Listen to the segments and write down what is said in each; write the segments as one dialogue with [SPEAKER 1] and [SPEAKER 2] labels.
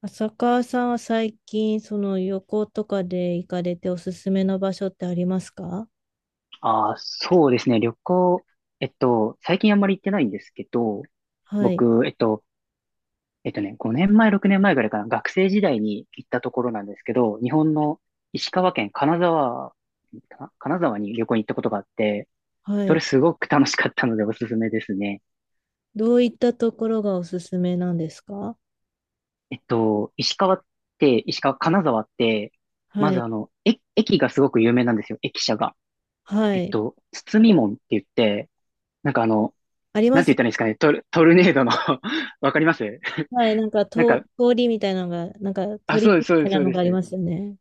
[SPEAKER 1] 浅川さんは最近、その旅行とかで行かれておすすめの場所ってありますか？
[SPEAKER 2] ああ、そうですね。旅行、最近あんまり行ってないんですけど、
[SPEAKER 1] はい、
[SPEAKER 2] 僕、5年前、6年前ぐらいかな、学生時代に行ったところなんですけど、日本の石川県金沢かな、金沢に旅行に行ったことがあって、
[SPEAKER 1] は
[SPEAKER 2] それ
[SPEAKER 1] い。
[SPEAKER 2] すごく楽しかったのでおすすめですね。
[SPEAKER 1] どういったところがおすすめなんですか？
[SPEAKER 2] 石川って、石川、金沢って、
[SPEAKER 1] は
[SPEAKER 2] まず
[SPEAKER 1] い、
[SPEAKER 2] 駅がすごく有名なんですよ、駅舎が。
[SPEAKER 1] はい。な
[SPEAKER 2] 包
[SPEAKER 1] んか、
[SPEAKER 2] み門って言って、なんか
[SPEAKER 1] あり
[SPEAKER 2] な
[SPEAKER 1] ま
[SPEAKER 2] ん
[SPEAKER 1] す
[SPEAKER 2] て言
[SPEAKER 1] よ
[SPEAKER 2] ったらいいんですかね、トルネードの わかります。
[SPEAKER 1] ね。はい、なんか
[SPEAKER 2] なんか、
[SPEAKER 1] 通りみたいなのが、なんか
[SPEAKER 2] あ、
[SPEAKER 1] 鳥
[SPEAKER 2] そうで
[SPEAKER 1] み
[SPEAKER 2] す、そうで
[SPEAKER 1] たい
[SPEAKER 2] す、
[SPEAKER 1] な
[SPEAKER 2] そう
[SPEAKER 1] の
[SPEAKER 2] で
[SPEAKER 1] があり
[SPEAKER 2] す。
[SPEAKER 1] ますよね。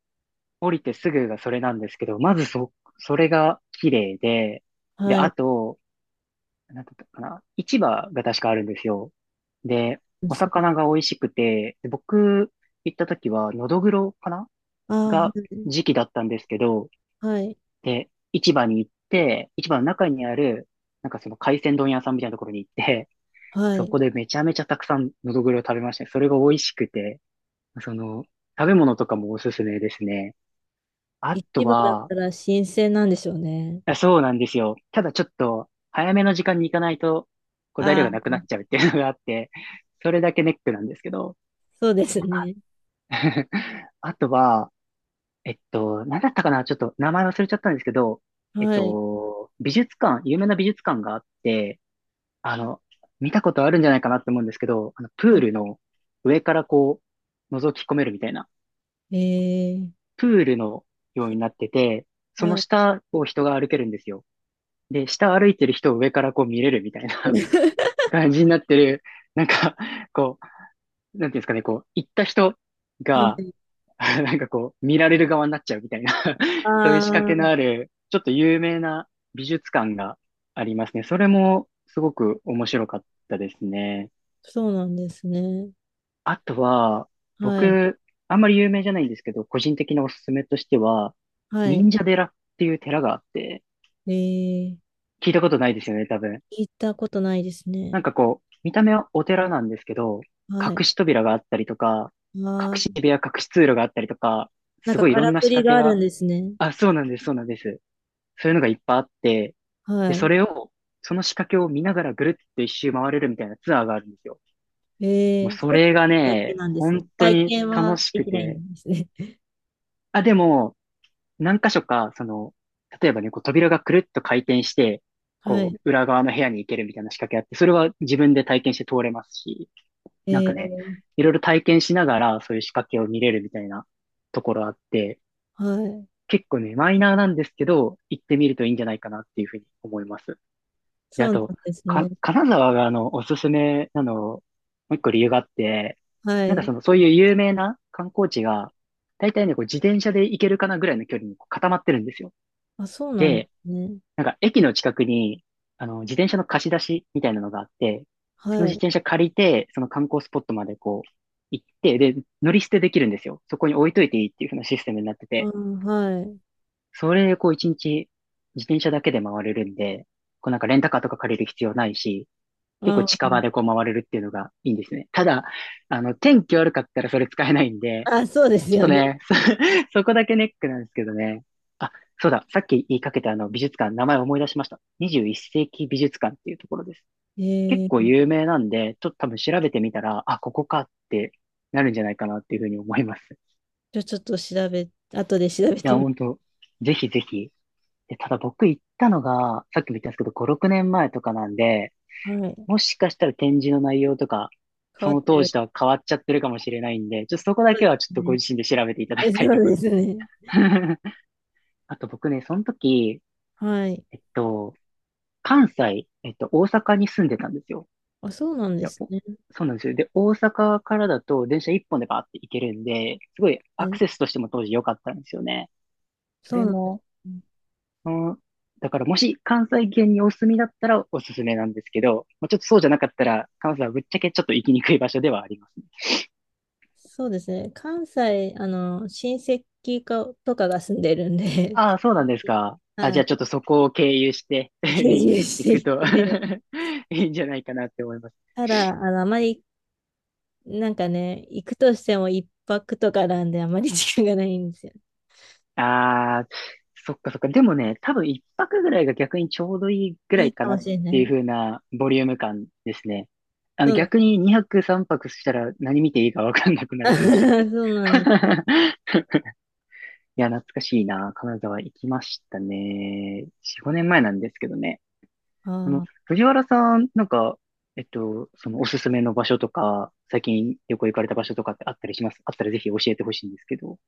[SPEAKER 2] 降りてすぐがそれなんですけど、まずそれが綺麗で、で、
[SPEAKER 1] はい。
[SPEAKER 2] あと、なんだったかな、市場が確かあるんですよ。で、お魚が美味しくて、で僕行った時は、ノドグロかなが時
[SPEAKER 1] あ
[SPEAKER 2] 期だったんですけど、
[SPEAKER 1] あ、はい、
[SPEAKER 2] で、市場に行って、市場の中にある、なんかその海鮮丼屋さんみたいなところに行って、
[SPEAKER 1] は
[SPEAKER 2] そ
[SPEAKER 1] い。
[SPEAKER 2] こでめちゃめちゃたくさんノドグロを食べましたね。それが美味しくて、その、食べ物とかもおすすめですね。あ
[SPEAKER 1] 市
[SPEAKER 2] と
[SPEAKER 1] 場だっ
[SPEAKER 2] は、
[SPEAKER 1] たら新鮮なんでしょうね。
[SPEAKER 2] あそうなんですよ。ただちょっと、早めの時間に行かないと、こう材料
[SPEAKER 1] あ
[SPEAKER 2] がなくな
[SPEAKER 1] あ、
[SPEAKER 2] っちゃうっていうのがあって、それだけネックなんですけど。
[SPEAKER 1] そうですね。
[SPEAKER 2] あとは、なんだったかなちょっと名前忘れちゃったんですけど、
[SPEAKER 1] はい。
[SPEAKER 2] 美術館、有名な美術館があって、あの、見たことあるんじゃないかなって思うんですけど、あの、プール
[SPEAKER 1] あ、
[SPEAKER 2] の上からこう、覗き込めるみたいな。
[SPEAKER 1] ええ、
[SPEAKER 2] プールのようになってて、そ
[SPEAKER 1] は
[SPEAKER 2] の
[SPEAKER 1] い。
[SPEAKER 2] 下を人が歩けるんですよ。で、下歩いてる人を上からこう見れるみたいな 感じになってる、なんか、こう、なんていうんですかね、こう、行った人
[SPEAKER 1] は
[SPEAKER 2] が、
[SPEAKER 1] い。
[SPEAKER 2] なんかこう、見られる側になっちゃうみたいな そういう仕掛けのあ
[SPEAKER 1] あ、
[SPEAKER 2] る、ちょっと有名な美術館がありますね。それもすごく面白かったですね。
[SPEAKER 1] そうなんですね。
[SPEAKER 2] あとは、
[SPEAKER 1] はい。
[SPEAKER 2] 僕、あんまり有名じゃないんですけど、個人的なおすすめとしては、
[SPEAKER 1] はい。
[SPEAKER 2] 忍者寺っていう寺があって、
[SPEAKER 1] えー、
[SPEAKER 2] 聞いたことないですよね、多分。
[SPEAKER 1] 聞いたことないですね。
[SPEAKER 2] なんかこう、見た目はお寺なんですけど、
[SPEAKER 1] はい。
[SPEAKER 2] 隠し扉があったりとか、隠
[SPEAKER 1] あ
[SPEAKER 2] し
[SPEAKER 1] ー、
[SPEAKER 2] 部屋、隠し通路があったりとか、
[SPEAKER 1] なん
[SPEAKER 2] す
[SPEAKER 1] か
[SPEAKER 2] ごいい
[SPEAKER 1] か
[SPEAKER 2] ろ
[SPEAKER 1] ら
[SPEAKER 2] んな
[SPEAKER 1] く
[SPEAKER 2] 仕
[SPEAKER 1] り
[SPEAKER 2] 掛
[SPEAKER 1] が
[SPEAKER 2] け
[SPEAKER 1] あるん
[SPEAKER 2] が、
[SPEAKER 1] ですね。
[SPEAKER 2] あ、そうなんです、そうなんです。そういうのがいっぱいあって、で、
[SPEAKER 1] はい。
[SPEAKER 2] それを、その仕掛けを見ながらぐるっと一周回れるみたいなツアーがあるんですよ。
[SPEAKER 1] え
[SPEAKER 2] もう
[SPEAKER 1] ー、一
[SPEAKER 2] そ
[SPEAKER 1] つ
[SPEAKER 2] れが
[SPEAKER 1] だけ
[SPEAKER 2] ね、
[SPEAKER 1] なんですね。
[SPEAKER 2] 本当
[SPEAKER 1] 体
[SPEAKER 2] に
[SPEAKER 1] 験
[SPEAKER 2] 楽
[SPEAKER 1] は
[SPEAKER 2] し
[SPEAKER 1] で
[SPEAKER 2] く
[SPEAKER 1] きない
[SPEAKER 2] て。
[SPEAKER 1] んですね。
[SPEAKER 2] あ、でも、何箇所か、その、例えばね、こう扉がくるっと回転して、
[SPEAKER 1] は
[SPEAKER 2] こ
[SPEAKER 1] い。
[SPEAKER 2] う、裏側の部屋に行けるみたいな仕掛けあって、それは自分で体験して通れますし、なん
[SPEAKER 1] え
[SPEAKER 2] かね、
[SPEAKER 1] ー、
[SPEAKER 2] いろいろ体験しながら、そういう仕掛けを見れるみたいなところあって、
[SPEAKER 1] はい。
[SPEAKER 2] 結構ね、マイナーなんですけど、行ってみるといいんじゃないかなっていうふうに思います。で、
[SPEAKER 1] そ
[SPEAKER 2] あ
[SPEAKER 1] うなん
[SPEAKER 2] と、
[SPEAKER 1] ですね。
[SPEAKER 2] 金沢がおすすめなの、もう一個理由があって、
[SPEAKER 1] は
[SPEAKER 2] なんか
[SPEAKER 1] い。
[SPEAKER 2] その、そういう有名な観光地が、大体ね、こう自転車で行けるかなぐらいの距離にこう固まってるんですよ。
[SPEAKER 1] あ、そうなんで
[SPEAKER 2] で、
[SPEAKER 1] すね。
[SPEAKER 2] なんか駅の近くに、自転車の貸し出しみたいなのがあって、その
[SPEAKER 1] は
[SPEAKER 2] 自
[SPEAKER 1] い。
[SPEAKER 2] 転車借りて、その観光スポットまでこう、行って、で、乗り捨てできるんですよ。そこに置いといていいっていう風なシステムになって
[SPEAKER 1] あ
[SPEAKER 2] て、
[SPEAKER 1] ー、はい。
[SPEAKER 2] それでこう一日自転車だけで回れるんで、こうなんかレンタカーとか借りる必要ないし、結構
[SPEAKER 1] あ
[SPEAKER 2] 近
[SPEAKER 1] ー、
[SPEAKER 2] 場でこう回れるっていうのがいいんですね。ただ、天気悪かったらそれ使えないんで、
[SPEAKER 1] あ、そうです
[SPEAKER 2] ちょっ
[SPEAKER 1] よ
[SPEAKER 2] と
[SPEAKER 1] ね。
[SPEAKER 2] ね、そこだけネックなんですけどね。あ、そうだ、さっき言いかけたあの美術館、名前思い出しました。21世紀美術館っていうところです。結
[SPEAKER 1] え
[SPEAKER 2] 構
[SPEAKER 1] ー、
[SPEAKER 2] 有名なんで、ちょっと多分調べてみたら、あ、ここかってなるんじゃないかなっていうふうに思います。い
[SPEAKER 1] じゃあちょっと後で調べて
[SPEAKER 2] や、
[SPEAKER 1] み、
[SPEAKER 2] 本当ぜひぜひ。で、ただ僕行ったのが、さっきも言ったんですけど、5、6年前とかなんで、
[SPEAKER 1] はい。
[SPEAKER 2] もしかしたら展示の内容とか、
[SPEAKER 1] 変
[SPEAKER 2] そ
[SPEAKER 1] わっ
[SPEAKER 2] の
[SPEAKER 1] て
[SPEAKER 2] 当
[SPEAKER 1] る。
[SPEAKER 2] 時とは変わっちゃってるかもしれないんで、ちょっとそこだ
[SPEAKER 1] そうで
[SPEAKER 2] けはちょ
[SPEAKER 1] す
[SPEAKER 2] っとご
[SPEAKER 1] ね。
[SPEAKER 2] 自身で調べていただき
[SPEAKER 1] え、
[SPEAKER 2] たいと
[SPEAKER 1] そう
[SPEAKER 2] ころ
[SPEAKER 1] で
[SPEAKER 2] です
[SPEAKER 1] す
[SPEAKER 2] ね。
[SPEAKER 1] ね。
[SPEAKER 2] あと僕ね、その時、
[SPEAKER 1] はい。
[SPEAKER 2] えっと、関西、大阪に住んでたんですよ。
[SPEAKER 1] あ、そうなん
[SPEAKER 2] い
[SPEAKER 1] で
[SPEAKER 2] や
[SPEAKER 1] すね。
[SPEAKER 2] そうなんですよ。で、大阪からだと電車一本でバーって行けるんで、すごいアクセ
[SPEAKER 1] え、
[SPEAKER 2] スとしても当時良かったんですよね。そ
[SPEAKER 1] そう
[SPEAKER 2] れ
[SPEAKER 1] なんで
[SPEAKER 2] も、
[SPEAKER 1] すね。
[SPEAKER 2] うん、だからもし関西圏にお住みだったらおすすめなんですけど、まあ、ちょっとそうじゃなかったら関西はぶっちゃけちょっと行きにくい場所ではありますね。
[SPEAKER 1] そうですね。関西、親戚かとかが住んでるんで、
[SPEAKER 2] ああ、そうなんです か。あ、じ
[SPEAKER 1] は
[SPEAKER 2] ゃあ
[SPEAKER 1] い。
[SPEAKER 2] ちょっとそこを経由して
[SPEAKER 1] 経由 し
[SPEAKER 2] 行
[SPEAKER 1] て
[SPEAKER 2] く
[SPEAKER 1] い
[SPEAKER 2] と
[SPEAKER 1] て、
[SPEAKER 2] いいんじゃないかなって思います。
[SPEAKER 1] ただ、あまり、なんかね、行くとしても一泊とかなんで、あまり時間がないんですよ。
[SPEAKER 2] ああ、そっかそっか。でもね、多分一泊ぐらいが逆にちょうどいいぐら
[SPEAKER 1] いい
[SPEAKER 2] いか
[SPEAKER 1] か
[SPEAKER 2] な
[SPEAKER 1] も
[SPEAKER 2] っ
[SPEAKER 1] しれな
[SPEAKER 2] ていう
[SPEAKER 1] い。
[SPEAKER 2] 風なボリューム感ですね。
[SPEAKER 1] そう
[SPEAKER 2] 逆に2泊3泊したら何見ていいかわかんなくな
[SPEAKER 1] な
[SPEAKER 2] る
[SPEAKER 1] ん、
[SPEAKER 2] かもしれ
[SPEAKER 1] そうなんです。
[SPEAKER 2] ない。いや、懐かしいな。金沢行きましたね。4、5年前なんですけどね。
[SPEAKER 1] あー、
[SPEAKER 2] 藤原さん、そのおすすめの場所とか、最近旅行行かれた場所とかってあったりしますあったらぜひ教えてほしいんですけど。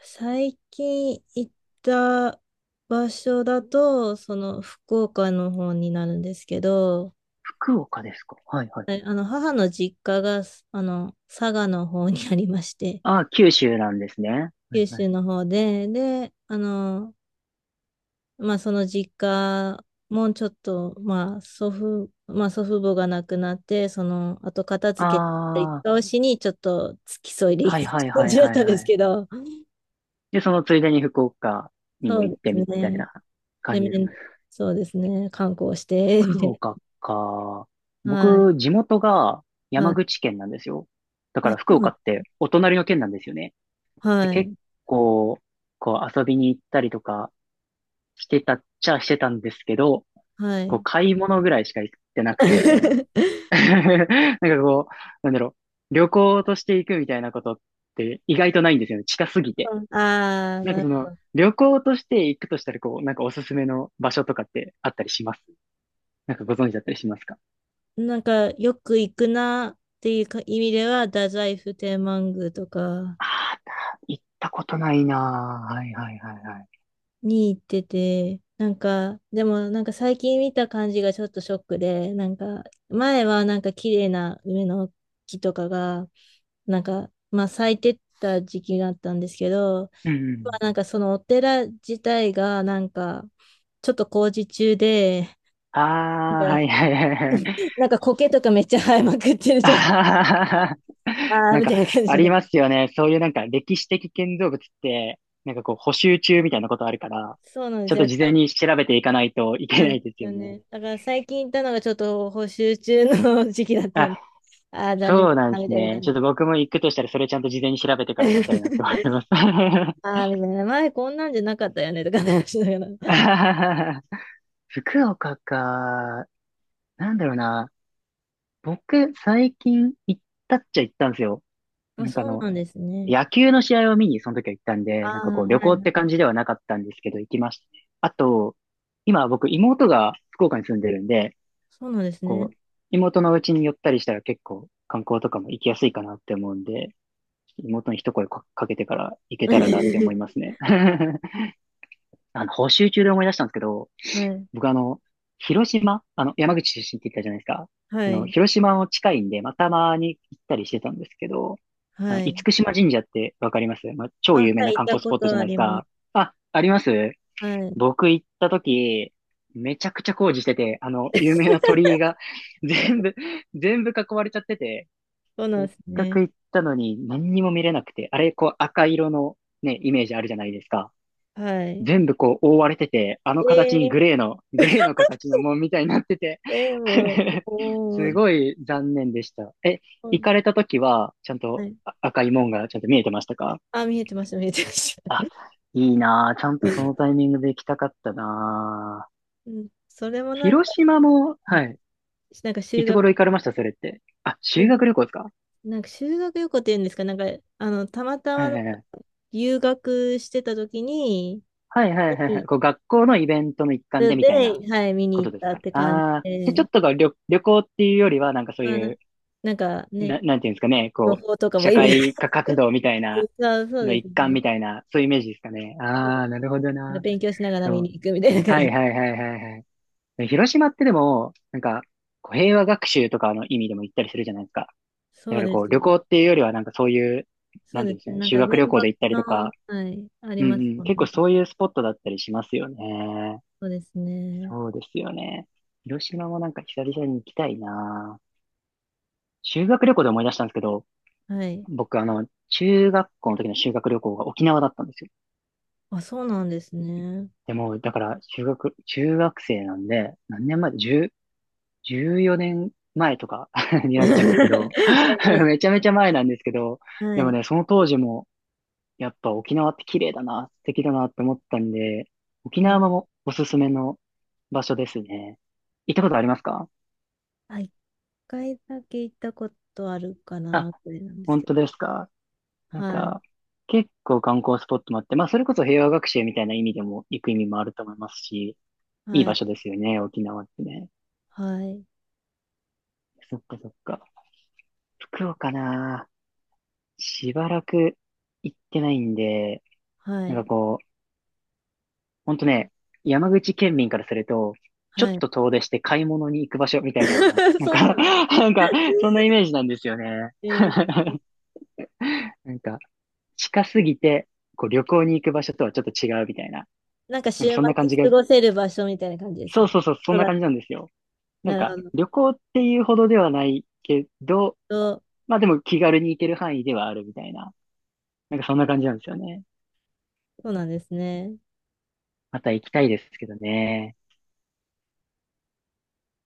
[SPEAKER 1] 最近行った場所だと、その福岡の方になるんですけど、
[SPEAKER 2] 福岡ですか？はいはい。
[SPEAKER 1] はい。母の実家が佐賀の方にありまして、
[SPEAKER 2] あ、九州なんですね。はい
[SPEAKER 1] 九
[SPEAKER 2] は
[SPEAKER 1] 州
[SPEAKER 2] い。
[SPEAKER 1] の方で、まあその実家もちょっと、まあ祖父母が亡くなって、あと片付けたりと
[SPEAKER 2] ああ、
[SPEAKER 1] かをしにちょっと付き添いで行
[SPEAKER 2] は
[SPEAKER 1] く
[SPEAKER 2] いはい
[SPEAKER 1] 感
[SPEAKER 2] はい
[SPEAKER 1] じだっ
[SPEAKER 2] はい
[SPEAKER 1] たんで
[SPEAKER 2] は
[SPEAKER 1] す
[SPEAKER 2] い。
[SPEAKER 1] けど、
[SPEAKER 2] で、そのついでに福岡にも
[SPEAKER 1] そう
[SPEAKER 2] 行
[SPEAKER 1] で
[SPEAKER 2] って
[SPEAKER 1] す
[SPEAKER 2] みたい
[SPEAKER 1] ね。
[SPEAKER 2] な
[SPEAKER 1] で、
[SPEAKER 2] 感じですか？
[SPEAKER 1] そうですね、観光して、みた
[SPEAKER 2] 福
[SPEAKER 1] い
[SPEAKER 2] 岡か。
[SPEAKER 1] な。はい、
[SPEAKER 2] 僕、地元が
[SPEAKER 1] は
[SPEAKER 2] 山
[SPEAKER 1] い。
[SPEAKER 2] 口県なんですよ。だか
[SPEAKER 1] あ、
[SPEAKER 2] ら
[SPEAKER 1] そ
[SPEAKER 2] 福
[SPEAKER 1] うなん
[SPEAKER 2] 岡ってお隣の県なんですよね。で、
[SPEAKER 1] は
[SPEAKER 2] 結
[SPEAKER 1] い、
[SPEAKER 2] 構、こう遊びに行ったりとかしてたっちゃしてたんですけど、
[SPEAKER 1] は
[SPEAKER 2] こう
[SPEAKER 1] い。
[SPEAKER 2] 買い物ぐらいしか行ってなくて、なんかこう、なんだろう、旅行として行くみたいなことって意外とないんですよね。近すぎて。
[SPEAKER 1] ああ、
[SPEAKER 2] なんか
[SPEAKER 1] なる
[SPEAKER 2] その、
[SPEAKER 1] ほど。
[SPEAKER 2] 旅行として行くとしたら、こう、なんかおすすめの場所とかってあったりしますなんかご存知だったりしますか？
[SPEAKER 1] なんか、よく行くなっていうか意味では、太宰府天満宮とか、
[SPEAKER 2] ああー、行ったことないなぁ。はいはいはいはい。
[SPEAKER 1] に行ってて、なんか、でもなんか最近見た感じがちょっとショックで、なんか、前はなんか綺麗な梅の木とかが、なんか、まあ咲いてった時期があったんですけど、
[SPEAKER 2] うんう
[SPEAKER 1] ま
[SPEAKER 2] ん。
[SPEAKER 1] あなんかそのお寺自体がなんか、ちょっと工事中で、
[SPEAKER 2] ああ、
[SPEAKER 1] なん
[SPEAKER 2] は
[SPEAKER 1] か
[SPEAKER 2] いはいはいはい。
[SPEAKER 1] なんか苔とかめっちゃ生えまくってる
[SPEAKER 2] あ
[SPEAKER 1] 状態、
[SPEAKER 2] ははは。
[SPEAKER 1] ああ、
[SPEAKER 2] なん
[SPEAKER 1] み
[SPEAKER 2] か、
[SPEAKER 1] たいな感
[SPEAKER 2] あ
[SPEAKER 1] じ
[SPEAKER 2] り
[SPEAKER 1] で。
[SPEAKER 2] ますよね。そういうなんか歴史的建造物って、なんかこう補修中みたいなことあるから、
[SPEAKER 1] そうなんで
[SPEAKER 2] ちょ
[SPEAKER 1] す
[SPEAKER 2] っと
[SPEAKER 1] よ。
[SPEAKER 2] 事前に調べていかないといけ
[SPEAKER 1] な
[SPEAKER 2] な
[SPEAKER 1] んで
[SPEAKER 2] いです
[SPEAKER 1] す
[SPEAKER 2] よ
[SPEAKER 1] よ
[SPEAKER 2] ね。
[SPEAKER 1] ね。だから最近行ったのがちょっと補修中の時期だった
[SPEAKER 2] あ、
[SPEAKER 1] んで、ああ、残念だ
[SPEAKER 2] そうなん
[SPEAKER 1] な
[SPEAKER 2] で
[SPEAKER 1] み
[SPEAKER 2] す
[SPEAKER 1] たいな
[SPEAKER 2] ね。
[SPEAKER 1] 感
[SPEAKER 2] ちょ
[SPEAKER 1] じ。
[SPEAKER 2] っと僕も行くとしたらそれちゃんと事前に調べてから行きたいなって 思います。あ
[SPEAKER 1] ああ、みたいな。前こんなんじゃなかったよね、とかね話しながら。
[SPEAKER 2] は はは。福岡か。なんだろうな。僕、最近行ったっちゃ行ったんですよ。
[SPEAKER 1] まあ、
[SPEAKER 2] なん
[SPEAKER 1] そ
[SPEAKER 2] か
[SPEAKER 1] うなんですね。
[SPEAKER 2] 野球の試合を見にその時は行ったん
[SPEAKER 1] あ
[SPEAKER 2] で、なん
[SPEAKER 1] あ、
[SPEAKER 2] かこう旅
[SPEAKER 1] は
[SPEAKER 2] 行って
[SPEAKER 1] い。
[SPEAKER 2] 感じではなかったんですけど、行きましたね。あと、今僕妹が福岡に住んでるんで、
[SPEAKER 1] そうなんです
[SPEAKER 2] こ
[SPEAKER 1] ね。
[SPEAKER 2] う、妹のうちに寄ったりしたら結構観光とかも行きやすいかなって思うんで、妹に一声かけてから行けたらなって思います ね。あの、補習中で思い出したんですけど、
[SPEAKER 1] はい。
[SPEAKER 2] 僕広島、山口出身って言ったじゃないですか。あ
[SPEAKER 1] は
[SPEAKER 2] の、
[SPEAKER 1] い。
[SPEAKER 2] 広島も近いんで、まあ、たまに行ったりしてたんですけど、あの、
[SPEAKER 1] は
[SPEAKER 2] 厳
[SPEAKER 1] い。
[SPEAKER 2] 島神社ってわかります？まあ、超
[SPEAKER 1] あ、
[SPEAKER 2] 有名
[SPEAKER 1] は
[SPEAKER 2] な
[SPEAKER 1] い、行っ
[SPEAKER 2] 観
[SPEAKER 1] た
[SPEAKER 2] 光ス
[SPEAKER 1] こ
[SPEAKER 2] ポットじ
[SPEAKER 1] と
[SPEAKER 2] ゃ
[SPEAKER 1] あ
[SPEAKER 2] ないです
[SPEAKER 1] ります。
[SPEAKER 2] か。あ、あります？
[SPEAKER 1] はい。
[SPEAKER 2] 僕行った時、めちゃくちゃ工事してて、あの、有 名な鳥居が 全
[SPEAKER 1] え、
[SPEAKER 2] 部、全部囲われちゃってて、
[SPEAKER 1] そうな
[SPEAKER 2] せ
[SPEAKER 1] ん
[SPEAKER 2] っ
[SPEAKER 1] です
[SPEAKER 2] かく
[SPEAKER 1] ね。
[SPEAKER 2] 行ったのに何にも見れなくて、あれ、こう赤色のね、イメージあるじゃないですか。
[SPEAKER 1] はい。
[SPEAKER 2] 全部こう覆われてて、あの形にグ
[SPEAKER 1] え
[SPEAKER 2] レーの、グレーの形の門みたいになってて
[SPEAKER 1] ー、えー、もう、お
[SPEAKER 2] す
[SPEAKER 1] ー、
[SPEAKER 2] ごい残念でした。え、行かれた時は、ちゃん
[SPEAKER 1] は
[SPEAKER 2] と
[SPEAKER 1] い。
[SPEAKER 2] あ赤い門がちゃんと見えてましたか？
[SPEAKER 1] あ、見えてました、見えてました。
[SPEAKER 2] あ、いいなぁ。ちゃんとその タイミングで行きたかったなぁ。
[SPEAKER 1] うん、それもなんか、
[SPEAKER 2] 広島も、はい。
[SPEAKER 1] なんか
[SPEAKER 2] い
[SPEAKER 1] 修
[SPEAKER 2] つ
[SPEAKER 1] 学、
[SPEAKER 2] 頃行かれました？それって。あ、修学旅行ですか？
[SPEAKER 1] なんか修学旅行っていうんですか、なんか、たまた
[SPEAKER 2] は
[SPEAKER 1] ま
[SPEAKER 2] いはいはい。
[SPEAKER 1] 留学してた時に、
[SPEAKER 2] はいはいはいはい。こう学校のイベントの一環でみたいな
[SPEAKER 1] で、はい、見
[SPEAKER 2] こ
[SPEAKER 1] に行
[SPEAKER 2] と
[SPEAKER 1] っ
[SPEAKER 2] です
[SPEAKER 1] たっ
[SPEAKER 2] か。
[SPEAKER 1] て感じ
[SPEAKER 2] ああー。で、ちょ
[SPEAKER 1] で、
[SPEAKER 2] っとが旅、旅行っていうよりは、なんかそう
[SPEAKER 1] まあ、
[SPEAKER 2] いう
[SPEAKER 1] なんか
[SPEAKER 2] な、
[SPEAKER 1] ね、
[SPEAKER 2] なんていうんですかね、
[SPEAKER 1] 情
[SPEAKER 2] こ
[SPEAKER 1] 報とか
[SPEAKER 2] う、
[SPEAKER 1] も
[SPEAKER 2] 社
[SPEAKER 1] いる。
[SPEAKER 2] 会 科活動みたいな、
[SPEAKER 1] そうそう
[SPEAKER 2] の
[SPEAKER 1] です
[SPEAKER 2] 一環
[SPEAKER 1] ね。
[SPEAKER 2] みたいな、そういうイメージですかね。
[SPEAKER 1] そうで
[SPEAKER 2] あ
[SPEAKER 1] す、
[SPEAKER 2] あ、なるほど
[SPEAKER 1] なんか
[SPEAKER 2] な。
[SPEAKER 1] 勉強しながら
[SPEAKER 2] で
[SPEAKER 1] 見
[SPEAKER 2] も、
[SPEAKER 1] に行くみたいな感
[SPEAKER 2] は
[SPEAKER 1] じ。
[SPEAKER 2] いはいはいはいはい。広島ってでも、なんか、こう平和学習とかの意味でも行ったりするじゃないですか。だ
[SPEAKER 1] そ
[SPEAKER 2] か
[SPEAKER 1] う
[SPEAKER 2] ら
[SPEAKER 1] で
[SPEAKER 2] こう、
[SPEAKER 1] す
[SPEAKER 2] 旅
[SPEAKER 1] ね。
[SPEAKER 2] 行っていうよりはなんかそういう、
[SPEAKER 1] そ
[SPEAKER 2] な
[SPEAKER 1] う
[SPEAKER 2] んて
[SPEAKER 1] で
[SPEAKER 2] いうんです
[SPEAKER 1] す
[SPEAKER 2] か
[SPEAKER 1] ね。
[SPEAKER 2] ね、
[SPEAKER 1] なん
[SPEAKER 2] 修
[SPEAKER 1] か原
[SPEAKER 2] 学旅行で
[SPEAKER 1] 爆
[SPEAKER 2] 行ったりとか、
[SPEAKER 1] の、はい、あり
[SPEAKER 2] うん
[SPEAKER 1] ます
[SPEAKER 2] うん、
[SPEAKER 1] もん
[SPEAKER 2] 結構
[SPEAKER 1] ね。
[SPEAKER 2] そういうスポットだったりしますよね。
[SPEAKER 1] そうですね。
[SPEAKER 2] そうですよね。広島もなんか久々に行きたいな。修学旅行で思い出したんですけど、
[SPEAKER 1] はい。
[SPEAKER 2] 僕、あの、中学校の時の修学旅行が沖縄だったんですよ。
[SPEAKER 1] あ、そうなんですね。
[SPEAKER 2] でも、だから、修学、中学生なんで、何年前？ 10、14年前とか に
[SPEAKER 1] は
[SPEAKER 2] な
[SPEAKER 1] い、
[SPEAKER 2] っちゃうんですけど、
[SPEAKER 1] な い、
[SPEAKER 2] めちゃめちゃ前なんですけど、
[SPEAKER 1] は
[SPEAKER 2] でも
[SPEAKER 1] い。
[SPEAKER 2] ね、その当時も、やっぱ沖縄って綺麗だな、素敵だなって思ったんで、沖
[SPEAKER 1] あ、
[SPEAKER 2] 縄もおすすめの場所ですね。行ったことありますか？
[SPEAKER 1] あ、一回だけ行ったことあるか
[SPEAKER 2] あ、
[SPEAKER 1] な、くらいなんです
[SPEAKER 2] 本
[SPEAKER 1] けど。
[SPEAKER 2] 当ですか？なん
[SPEAKER 1] はい。
[SPEAKER 2] か、結構観光スポットもあって、まあ、それこそ平和学習みたいな意味でも行く意味もあると思いますし、いい
[SPEAKER 1] は
[SPEAKER 2] 場
[SPEAKER 1] い。
[SPEAKER 2] 所ですよね、沖縄ってね。
[SPEAKER 1] はい。
[SPEAKER 2] そっかそっか。福岡なぁ。しばらく行ってないんで、
[SPEAKER 1] は
[SPEAKER 2] なんか
[SPEAKER 1] い。
[SPEAKER 2] こう、ほんとね、山口県民からすると、ちょっ
[SPEAKER 1] はい。
[SPEAKER 2] と遠出して買い物に行く場所みたいな、なん
[SPEAKER 1] そうな
[SPEAKER 2] か
[SPEAKER 1] んで
[SPEAKER 2] なんか、そんなイ
[SPEAKER 1] す
[SPEAKER 2] メージなんですよね。
[SPEAKER 1] ね。ー、
[SPEAKER 2] なんか、近すぎて、こう旅行に行く場所とはちょっと違うみたいな。
[SPEAKER 1] なんか
[SPEAKER 2] な
[SPEAKER 1] 週
[SPEAKER 2] んか
[SPEAKER 1] 末
[SPEAKER 2] そんな感じが、
[SPEAKER 1] 過ごせる場所みたいな感じです
[SPEAKER 2] そ
[SPEAKER 1] ね。
[SPEAKER 2] うそうそう、そん
[SPEAKER 1] そう
[SPEAKER 2] な
[SPEAKER 1] だ。
[SPEAKER 2] 感じなんですよ。なん
[SPEAKER 1] なる
[SPEAKER 2] か、
[SPEAKER 1] ほど。
[SPEAKER 2] 旅行っていうほどではないけど、
[SPEAKER 1] そう、
[SPEAKER 2] まあでも気軽に行ける範囲ではあるみたいな。なんかそんな感じなんですよね。
[SPEAKER 1] そうなんですね。
[SPEAKER 2] また行きたいですけどね。